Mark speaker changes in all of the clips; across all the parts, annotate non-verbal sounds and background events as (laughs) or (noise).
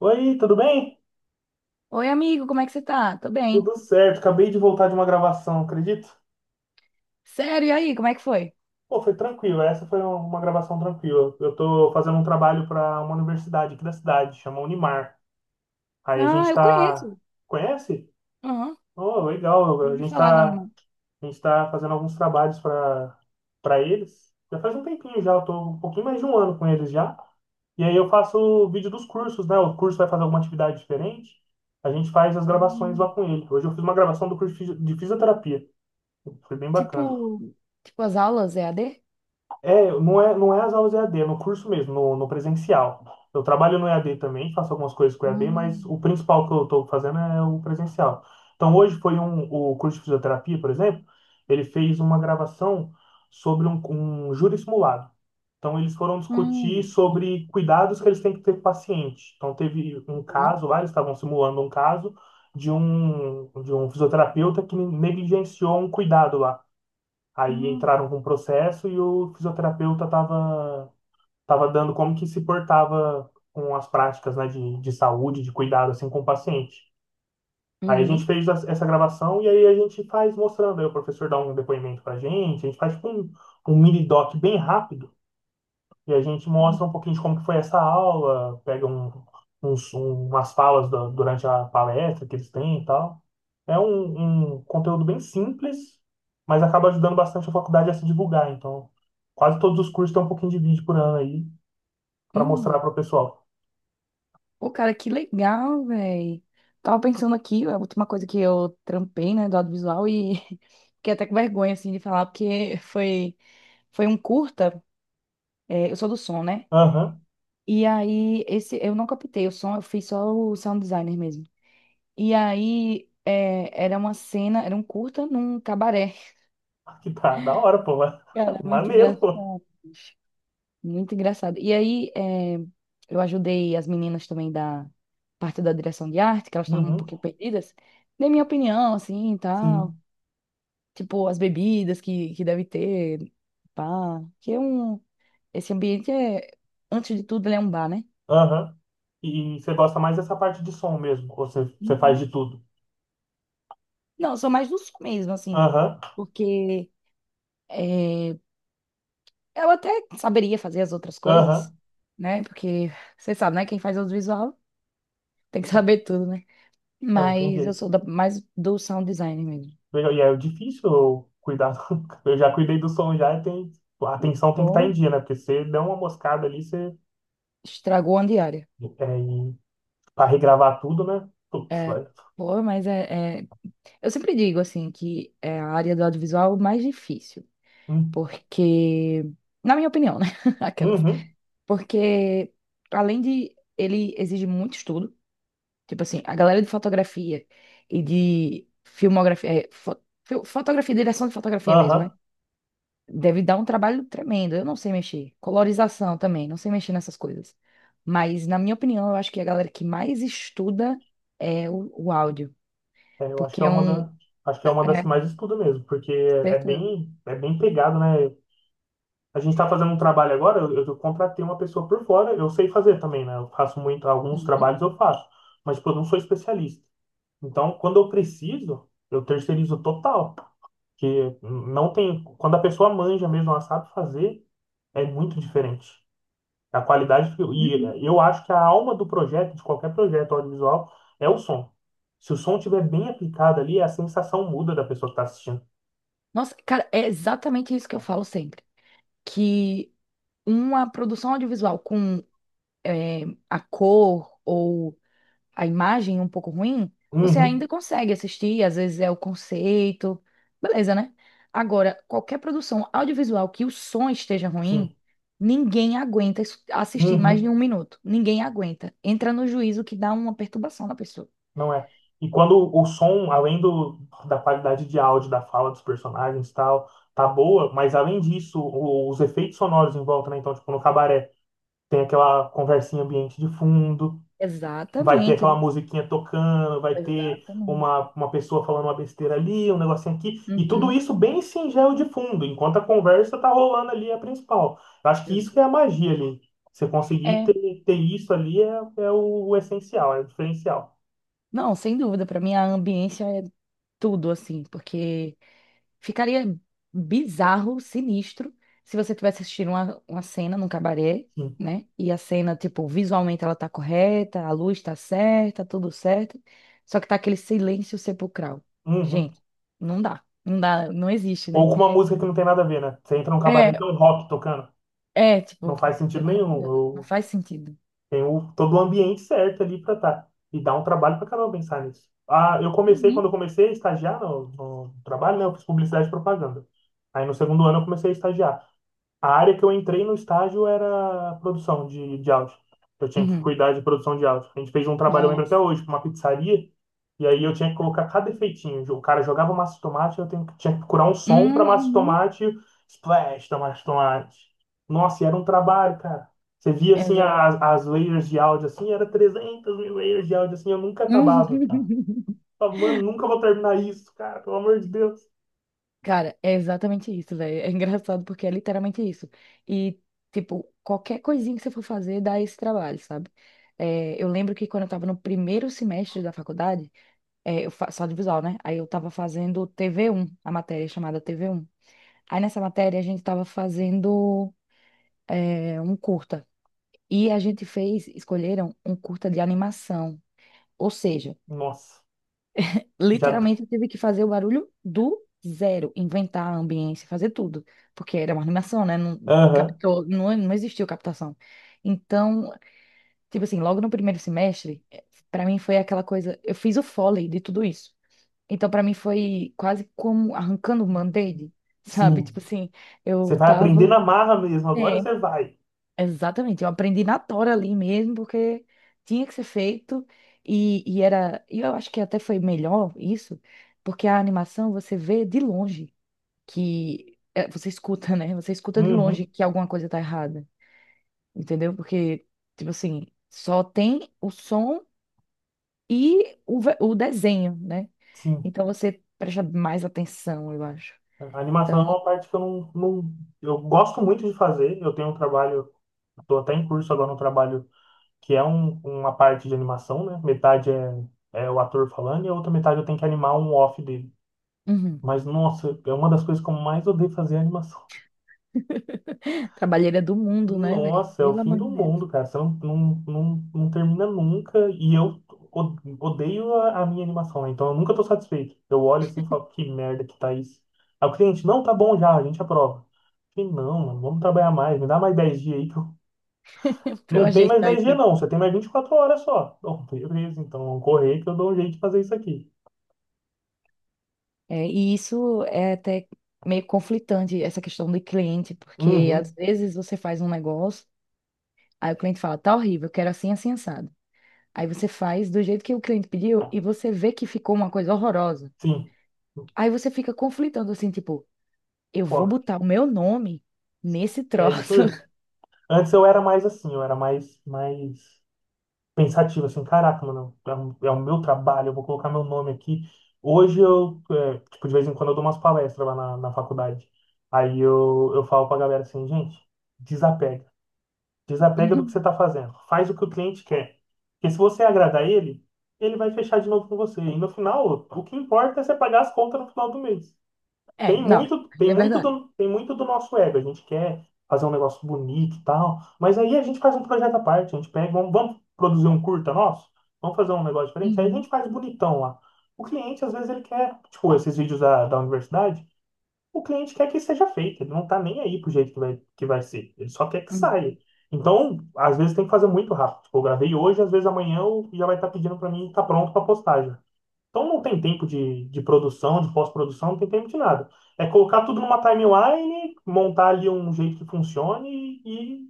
Speaker 1: Oi, tudo bem?
Speaker 2: Oi, amigo, como é que você tá? Tô bem.
Speaker 1: Tudo certo. Acabei de voltar de uma gravação, acredito?
Speaker 2: Sério, e aí, como é que foi?
Speaker 1: Pô, foi tranquilo. Essa foi uma gravação tranquila. Eu tô fazendo um trabalho para uma universidade aqui da cidade, chama Unimar. Aí a
Speaker 2: Ah,
Speaker 1: gente
Speaker 2: eu
Speaker 1: tá.
Speaker 2: conheço.
Speaker 1: Conhece?
Speaker 2: Aham,
Speaker 1: Oh, legal.
Speaker 2: já ouvi falar, dona. Mãe.
Speaker 1: A gente tá fazendo alguns trabalhos para eles. Já faz um tempinho já, eu tô um pouquinho mais de um ano com eles já. E aí eu faço o vídeo dos cursos, né? O curso vai fazer alguma atividade diferente. A gente faz as gravações lá
Speaker 2: Hum.
Speaker 1: com ele. Hoje eu fiz uma gravação do curso de fisioterapia. Foi bem bacana.
Speaker 2: Tipo, tipo as aulas EAD?
Speaker 1: É, não é, não é as aulas EAD, é no curso mesmo, no presencial. Eu trabalho no EAD também, faço algumas coisas com EAD, mas
Speaker 2: Hum,
Speaker 1: o principal que eu estou fazendo é o presencial. Então, hoje foi um, o curso de fisioterapia, por exemplo, ele fez uma gravação sobre um, um júri simulado. Então, eles foram discutir
Speaker 2: hum,
Speaker 1: sobre cuidados que eles têm que ter com o paciente. Então, teve um
Speaker 2: hum,
Speaker 1: caso lá, eles estavam simulando um caso de um fisioterapeuta que negligenciou um cuidado lá. Aí
Speaker 2: hum,
Speaker 1: entraram com um processo e o fisioterapeuta estava tava dando como que se portava com as práticas, né, de saúde, de cuidado, assim, com o paciente. Aí a gente
Speaker 2: uhum,
Speaker 1: fez essa gravação e aí a gente faz mostrando, aí o professor dá um depoimento pra gente, a gente faz tipo um, um mini doc bem rápido e a gente mostra um pouquinho de como que foi essa aula, pega um, umas falas durante a palestra que eles têm e tal. É um, um conteúdo bem simples, mas acaba ajudando bastante a faculdade a se divulgar. Então, quase todos os cursos têm um pouquinho de vídeo por ano aí para mostrar
Speaker 2: hum.
Speaker 1: para o pessoal.
Speaker 2: Pô, cara, que legal, velho. Tava pensando aqui, a última coisa que eu trampei, né, do audiovisual e (laughs) fiquei até com vergonha, assim, de falar, porque foi, foi um curta, é, eu sou do som, né?
Speaker 1: Aham,
Speaker 2: E aí, esse, eu não captei o som, eu fiz só o sound designer mesmo. E aí, é, era uma cena, era um curta num cabaré.
Speaker 1: (laughs) que tá, da hora, pô.
Speaker 2: (laughs) Cara,
Speaker 1: (laughs)
Speaker 2: muito
Speaker 1: Maneiro, pô.
Speaker 2: engraçado. Muito engraçado. E aí, é, eu ajudei as meninas também da parte da direção de arte, que elas estavam um
Speaker 1: Uhum,
Speaker 2: pouquinho perdidas. Dei minha opinião, assim, e tal.
Speaker 1: sim,
Speaker 2: Tipo, as bebidas que deve ter, pá. Que é um... Esse ambiente é, antes de tudo, ele é um bar, né?
Speaker 1: aham. E você gosta mais dessa parte de som mesmo, ou você, você faz
Speaker 2: Uhum.
Speaker 1: de tudo?
Speaker 2: Não, eu sou mais do sul mesmo, assim,
Speaker 1: Aham,
Speaker 2: porque é, eu até saberia fazer as outras coisas,
Speaker 1: aham.
Speaker 2: né? Porque você sabe, né? Quem faz audiovisual tem que (laughs) saber tudo, né?
Speaker 1: É, não tem
Speaker 2: Mas eu
Speaker 1: jeito.
Speaker 2: sou da- mais do sound design mesmo.
Speaker 1: E é difícil eu cuidar do. (laughs) Eu já cuidei do som já e tem... a atenção tem que estar
Speaker 2: Pô,
Speaker 1: em dia, né? Porque você dá uma moscada ali, você.
Speaker 2: estragou a diária.
Speaker 1: É, e para regravar tudo, né? Putz,
Speaker 2: É,
Speaker 1: vai.
Speaker 2: pô, mas é, é- eu sempre digo, assim, que é a área do audiovisual mais difícil,
Speaker 1: Hum.
Speaker 2: porque... Na minha opinião, né? (laughs) Aquelas.
Speaker 1: Uhum.
Speaker 2: Porque, além de... Ele exige muito estudo. Tipo assim, a galera de fotografia e de filmografia, é, fo- fil- fotografia, direção de fotografia mesmo, né?
Speaker 1: Aham.
Speaker 2: Deve dar um trabalho tremendo. Eu não sei mexer. Colorização também, não sei mexer nessas coisas. Mas, na minha opinião, eu acho que a galera que mais estuda é o áudio.
Speaker 1: É, eu acho que
Speaker 2: Porque
Speaker 1: é
Speaker 2: é
Speaker 1: uma
Speaker 2: um.
Speaker 1: da... Acho que é uma das
Speaker 2: É,
Speaker 1: que mais estuda mesmo, porque
Speaker 2: certeza.
Speaker 1: é bem pegado, né? A gente está fazendo um trabalho agora, eu contratei uma pessoa por fora, eu sei fazer também, né? Eu faço muito, alguns
Speaker 2: Uhum,
Speaker 1: trabalhos eu faço, mas tipo, eu não sou especialista. Então, quando eu preciso, eu terceirizo total. Que não tem, quando a pessoa manja mesmo, ela sabe fazer, é muito diferente. A qualidade,
Speaker 2: uhum.
Speaker 1: e eu acho que a alma do projeto, de qualquer projeto audiovisual, é o som. Se o som estiver bem aplicado ali, a sensação muda da pessoa que está assistindo.
Speaker 2: Nossa, cara, é exatamente isso que eu falo sempre. Que uma produção audiovisual com é, a cor ou a imagem um pouco ruim, você
Speaker 1: Uhum,
Speaker 2: ainda consegue assistir, às vezes é o conceito, beleza, né? Agora, qualquer produção audiovisual que o som esteja ruim,
Speaker 1: sim,
Speaker 2: ninguém aguenta isso- assistir mais de
Speaker 1: uhum,
Speaker 2: um minuto. Ninguém aguenta. Entra no juízo que dá uma perturbação na pessoa.
Speaker 1: não é. E quando o som, além da qualidade de áudio, da fala dos personagens e tal, tá boa, mas além disso, os efeitos sonoros em volta, né? Então, tipo, no cabaré, tem aquela conversinha ambiente de fundo. Vai ter
Speaker 2: Exatamente.
Speaker 1: aquela musiquinha tocando, vai ter
Speaker 2: Exatamente.
Speaker 1: uma pessoa falando uma besteira ali, um negocinho aqui, e tudo
Speaker 2: Uhum.
Speaker 1: isso bem singelo de fundo, enquanto a conversa tá rolando ali a principal. Eu acho que isso que é a magia ali. Você conseguir
Speaker 2: É,
Speaker 1: ter, ter isso ali é, é o essencial, é o diferencial.
Speaker 2: não, sem dúvida, para mim a ambiência é tudo assim, porque ficaria bizarro, sinistro, se você tivesse assistindo uma cena num cabaré,
Speaker 1: Sim.
Speaker 2: né? E a cena, tipo, visualmente ela tá correta, a luz tá certa, tudo certo, só que tá aquele silêncio sepulcral.
Speaker 1: Uhum.
Speaker 2: Gente, não dá, não dá, não existe,
Speaker 1: Ou
Speaker 2: né?
Speaker 1: com uma música que não tem nada a ver, né? Você entra num cabaré
Speaker 2: É,
Speaker 1: e tem um rock tocando.
Speaker 2: é,
Speaker 1: Não
Speaker 2: tipo,
Speaker 1: faz sentido
Speaker 2: pelo amor de Deus, não
Speaker 1: nenhum.
Speaker 2: faz sentido.
Speaker 1: Tem o, todo o ambiente certo ali para estar. E dá um trabalho para caramba pensar nisso. Ah, eu comecei,
Speaker 2: Uhum.
Speaker 1: quando eu comecei a estagiar no trabalho, né, eu fiz publicidade e propaganda. Aí no segundo ano eu comecei a estagiar. A área que eu entrei no estágio era produção de áudio. Eu tinha que
Speaker 2: Uhum.
Speaker 1: cuidar de produção de áudio. A gente fez um trabalho, eu lembro até
Speaker 2: Nossa.
Speaker 1: hoje, para uma pizzaria, e aí eu tinha que colocar cada efeitinho. O cara jogava massa de tomate, tinha que procurar um som para massa de
Speaker 2: Uhum.
Speaker 1: tomate, splash da massa de tomate. Nossa, e era um trabalho, cara. Você via, assim,
Speaker 2: Exato.
Speaker 1: as layers de áudio, assim, era 300 mil layers de áudio, assim, eu nunca acabava, cara. Eu
Speaker 2: (laughs)
Speaker 1: falava, mano, nunca vou terminar isso, cara, pelo amor de Deus.
Speaker 2: Cara, é exatamente isso, velho. É engraçado porque é literalmente isso. E, tipo, qualquer coisinha que você for fazer dá esse trabalho, sabe? É, eu lembro que quando eu tava no primeiro semestre da faculdade, é, eu faço audiovisual, né? Aí eu tava fazendo tv um a matéria chamada tv um. Aí nessa matéria a gente tava fazendo, é, um curta. E a gente fez, escolheram um curta de animação. Ou seja,
Speaker 1: Nossa, já...
Speaker 2: literalmente, eu tive que fazer o barulho do zero, inventar a ambiência, fazer tudo, porque era uma animação, né? Não
Speaker 1: Aham,
Speaker 2: captou, não, não existiu captação. Então, tipo assim, logo no primeiro semestre, para mim foi aquela coisa, eu fiz o Foley de tudo isso. Então, para mim foi quase como arrancando um band-aid, (laughs) sabe?
Speaker 1: sim.
Speaker 2: Tipo assim,
Speaker 1: Você
Speaker 2: eu
Speaker 1: vai
Speaker 2: tava,
Speaker 1: aprender na marra mesmo, agora
Speaker 2: é,
Speaker 1: você vai.
Speaker 2: exatamente, eu aprendi na tora ali mesmo, porque tinha que ser feito, e era, e eu acho que até foi melhor isso, porque a animação você vê de longe, que é, você escuta, né? Você escuta de longe
Speaker 1: Uhum,
Speaker 2: que alguma coisa tá errada, entendeu? Porque, tipo assim, só tem o som e o, ve- o desenho, né?
Speaker 1: sim.
Speaker 2: Então você presta mais atenção, eu acho.
Speaker 1: A animação é
Speaker 2: Então,
Speaker 1: uma parte que eu não, não. Eu gosto muito de fazer. Eu tenho um trabalho, estou até em curso agora no trabalho que é uma parte de animação, né? Metade é, é o ator falando e a outra metade eu tenho que animar um off dele.
Speaker 2: uhum.
Speaker 1: Mas, nossa, é uma das coisas que eu mais odeio fazer é animação.
Speaker 2: Trabalheira do mundo, né, velho?
Speaker 1: Nossa, é o
Speaker 2: Pelo
Speaker 1: fim
Speaker 2: amor de
Speaker 1: do
Speaker 2: Deus,
Speaker 1: mundo, cara. Você não, não, não termina nunca. E eu odeio a minha animação, né? Então eu nunca tô satisfeito. Eu olho assim e falo, que merda que tá isso. Aí o cliente, não, tá bom já, a gente aprova. Eu falei, não, mano, vamos trabalhar mais, me dá mais 10 dias aí que eu... (laughs)
Speaker 2: (laughs) pra eu
Speaker 1: Não tem mais
Speaker 2: ajeitar
Speaker 1: 10
Speaker 2: isso
Speaker 1: dias, não,
Speaker 2: aqui.
Speaker 1: você tem mais 24 horas só. Bom, (laughs) beleza, então vamos correr que eu dou um jeito de fazer isso aqui.
Speaker 2: É, e isso é até meio conflitante, essa questão do cliente, porque às
Speaker 1: Uhum,
Speaker 2: vezes você faz um negócio, aí o cliente fala, tá horrível, eu quero assim, assim, assado. Aí você faz do jeito que o cliente pediu e você vê que ficou uma coisa horrorosa.
Speaker 1: sim.
Speaker 2: Aí você fica conflitando assim, tipo, eu vou
Speaker 1: Pô,
Speaker 2: botar o meu nome nesse
Speaker 1: é isso
Speaker 2: troço.
Speaker 1: mesmo. Antes eu era mais assim, eu era mais, mais pensativo, assim, caraca, mano, é, o é o meu trabalho, eu vou colocar meu nome aqui. Hoje eu, é, tipo, de vez em quando eu dou umas palestras lá na faculdade. Aí eu falo pra galera assim, gente, desapega. Desapega do que você tá
Speaker 2: (laughs)
Speaker 1: fazendo. Faz o que o cliente quer. Porque se você agradar ele, ele vai fechar de novo com você. E no final, o que importa é você pagar as contas no final do mês.
Speaker 2: É,
Speaker 1: Tem
Speaker 2: não,
Speaker 1: muito,
Speaker 2: aí é verdade.
Speaker 1: tem muito do nosso ego. A gente quer fazer um negócio bonito e tal, mas aí a gente faz um projeto à parte. A gente pega, vamos produzir um curta nosso, vamos fazer um negócio diferente. Aí a
Speaker 2: Uhum,
Speaker 1: gente faz bonitão lá. O cliente, às vezes, ele quer, tipo, esses vídeos da universidade, o cliente quer que seja feito. Ele não tá nem aí pro jeito que vai ser. Ele só quer que saia.
Speaker 2: uhum.
Speaker 1: Então, às vezes tem que fazer muito rápido. Tipo, eu gravei hoje, às vezes amanhã eu já vai estar pedindo para mim, tá pronto para postagem. Então não tem tempo de produção, de pós-produção, não tem tempo de nada. É colocar tudo numa timeline, montar ali um jeito que funcione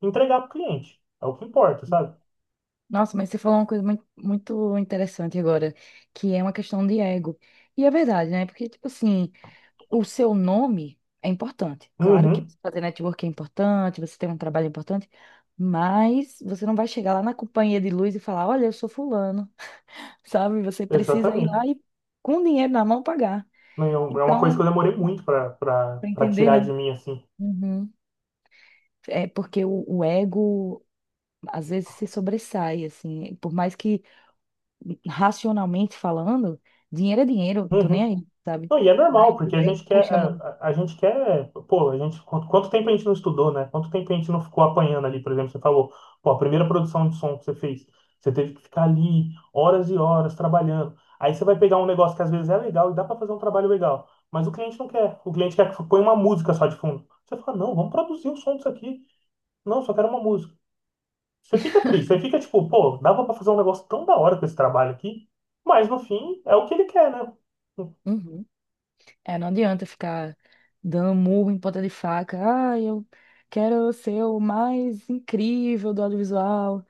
Speaker 1: e entregar para o cliente. É o que importa, sabe?
Speaker 2: Nossa, mas você falou uma coisa muito interessante agora, que é uma questão de ego. E é verdade, né? Porque, tipo assim, o seu nome é importante. Claro que
Speaker 1: Uhum,
Speaker 2: você fazer network é importante, você tem um trabalho é importante, mas você não vai chegar lá na companhia de luz e falar, olha, eu sou fulano, (laughs) sabe? Você precisa ir
Speaker 1: exatamente.
Speaker 2: lá e, com dinheiro na mão, pagar.
Speaker 1: Não, é é uma coisa que
Speaker 2: Então,
Speaker 1: eu demorei muito para
Speaker 2: para entender,
Speaker 1: tirar
Speaker 2: né?
Speaker 1: de mim, assim.
Speaker 2: Uhum. É porque o ego, às vezes, se sobressai, assim, por mais que racionalmente falando, dinheiro é dinheiro, tô
Speaker 1: Uhum.
Speaker 2: nem aí, sabe?
Speaker 1: Não, e é normal,
Speaker 2: Mas
Speaker 1: porque
Speaker 2: o
Speaker 1: a
Speaker 2: ego
Speaker 1: gente quer,
Speaker 2: puxa muito.
Speaker 1: a gente quer, pô, a gente, quanto, quanto tempo a gente não estudou, né? Quanto tempo a gente não ficou apanhando ali, por exemplo, você falou, pô, a primeira produção de som que você fez, você teve que ficar ali horas e horas trabalhando. Aí você vai pegar um negócio que às vezes é legal e dá para fazer um trabalho legal, mas o cliente não quer. O cliente quer que põe uma música só de fundo. Você fala, não, vamos produzir o som disso aqui. Não, só quero uma música. Você fica triste, você fica tipo, pô, dava para fazer um negócio tão da hora com esse trabalho aqui, mas no fim é o que ele quer, né?
Speaker 2: Uhum. É, não adianta ficar dando murro em ponta de faca. Ah, eu quero ser o mais incrível do audiovisual.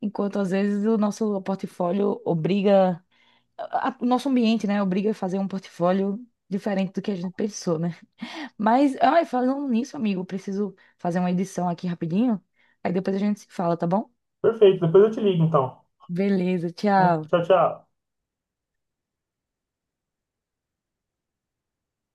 Speaker 2: Enquanto às vezes o nosso portfólio obriga, a- o nosso ambiente, né, obriga a fazer um portfólio diferente do que a gente pensou, né? Mas, ai, falando nisso, amigo, eu preciso fazer uma edição aqui rapidinho. Aí depois a gente se fala, tá bom?
Speaker 1: Perfeito, depois eu te ligo então.
Speaker 2: Beleza,
Speaker 1: Né?
Speaker 2: tchau.
Speaker 1: Tchau, tchau.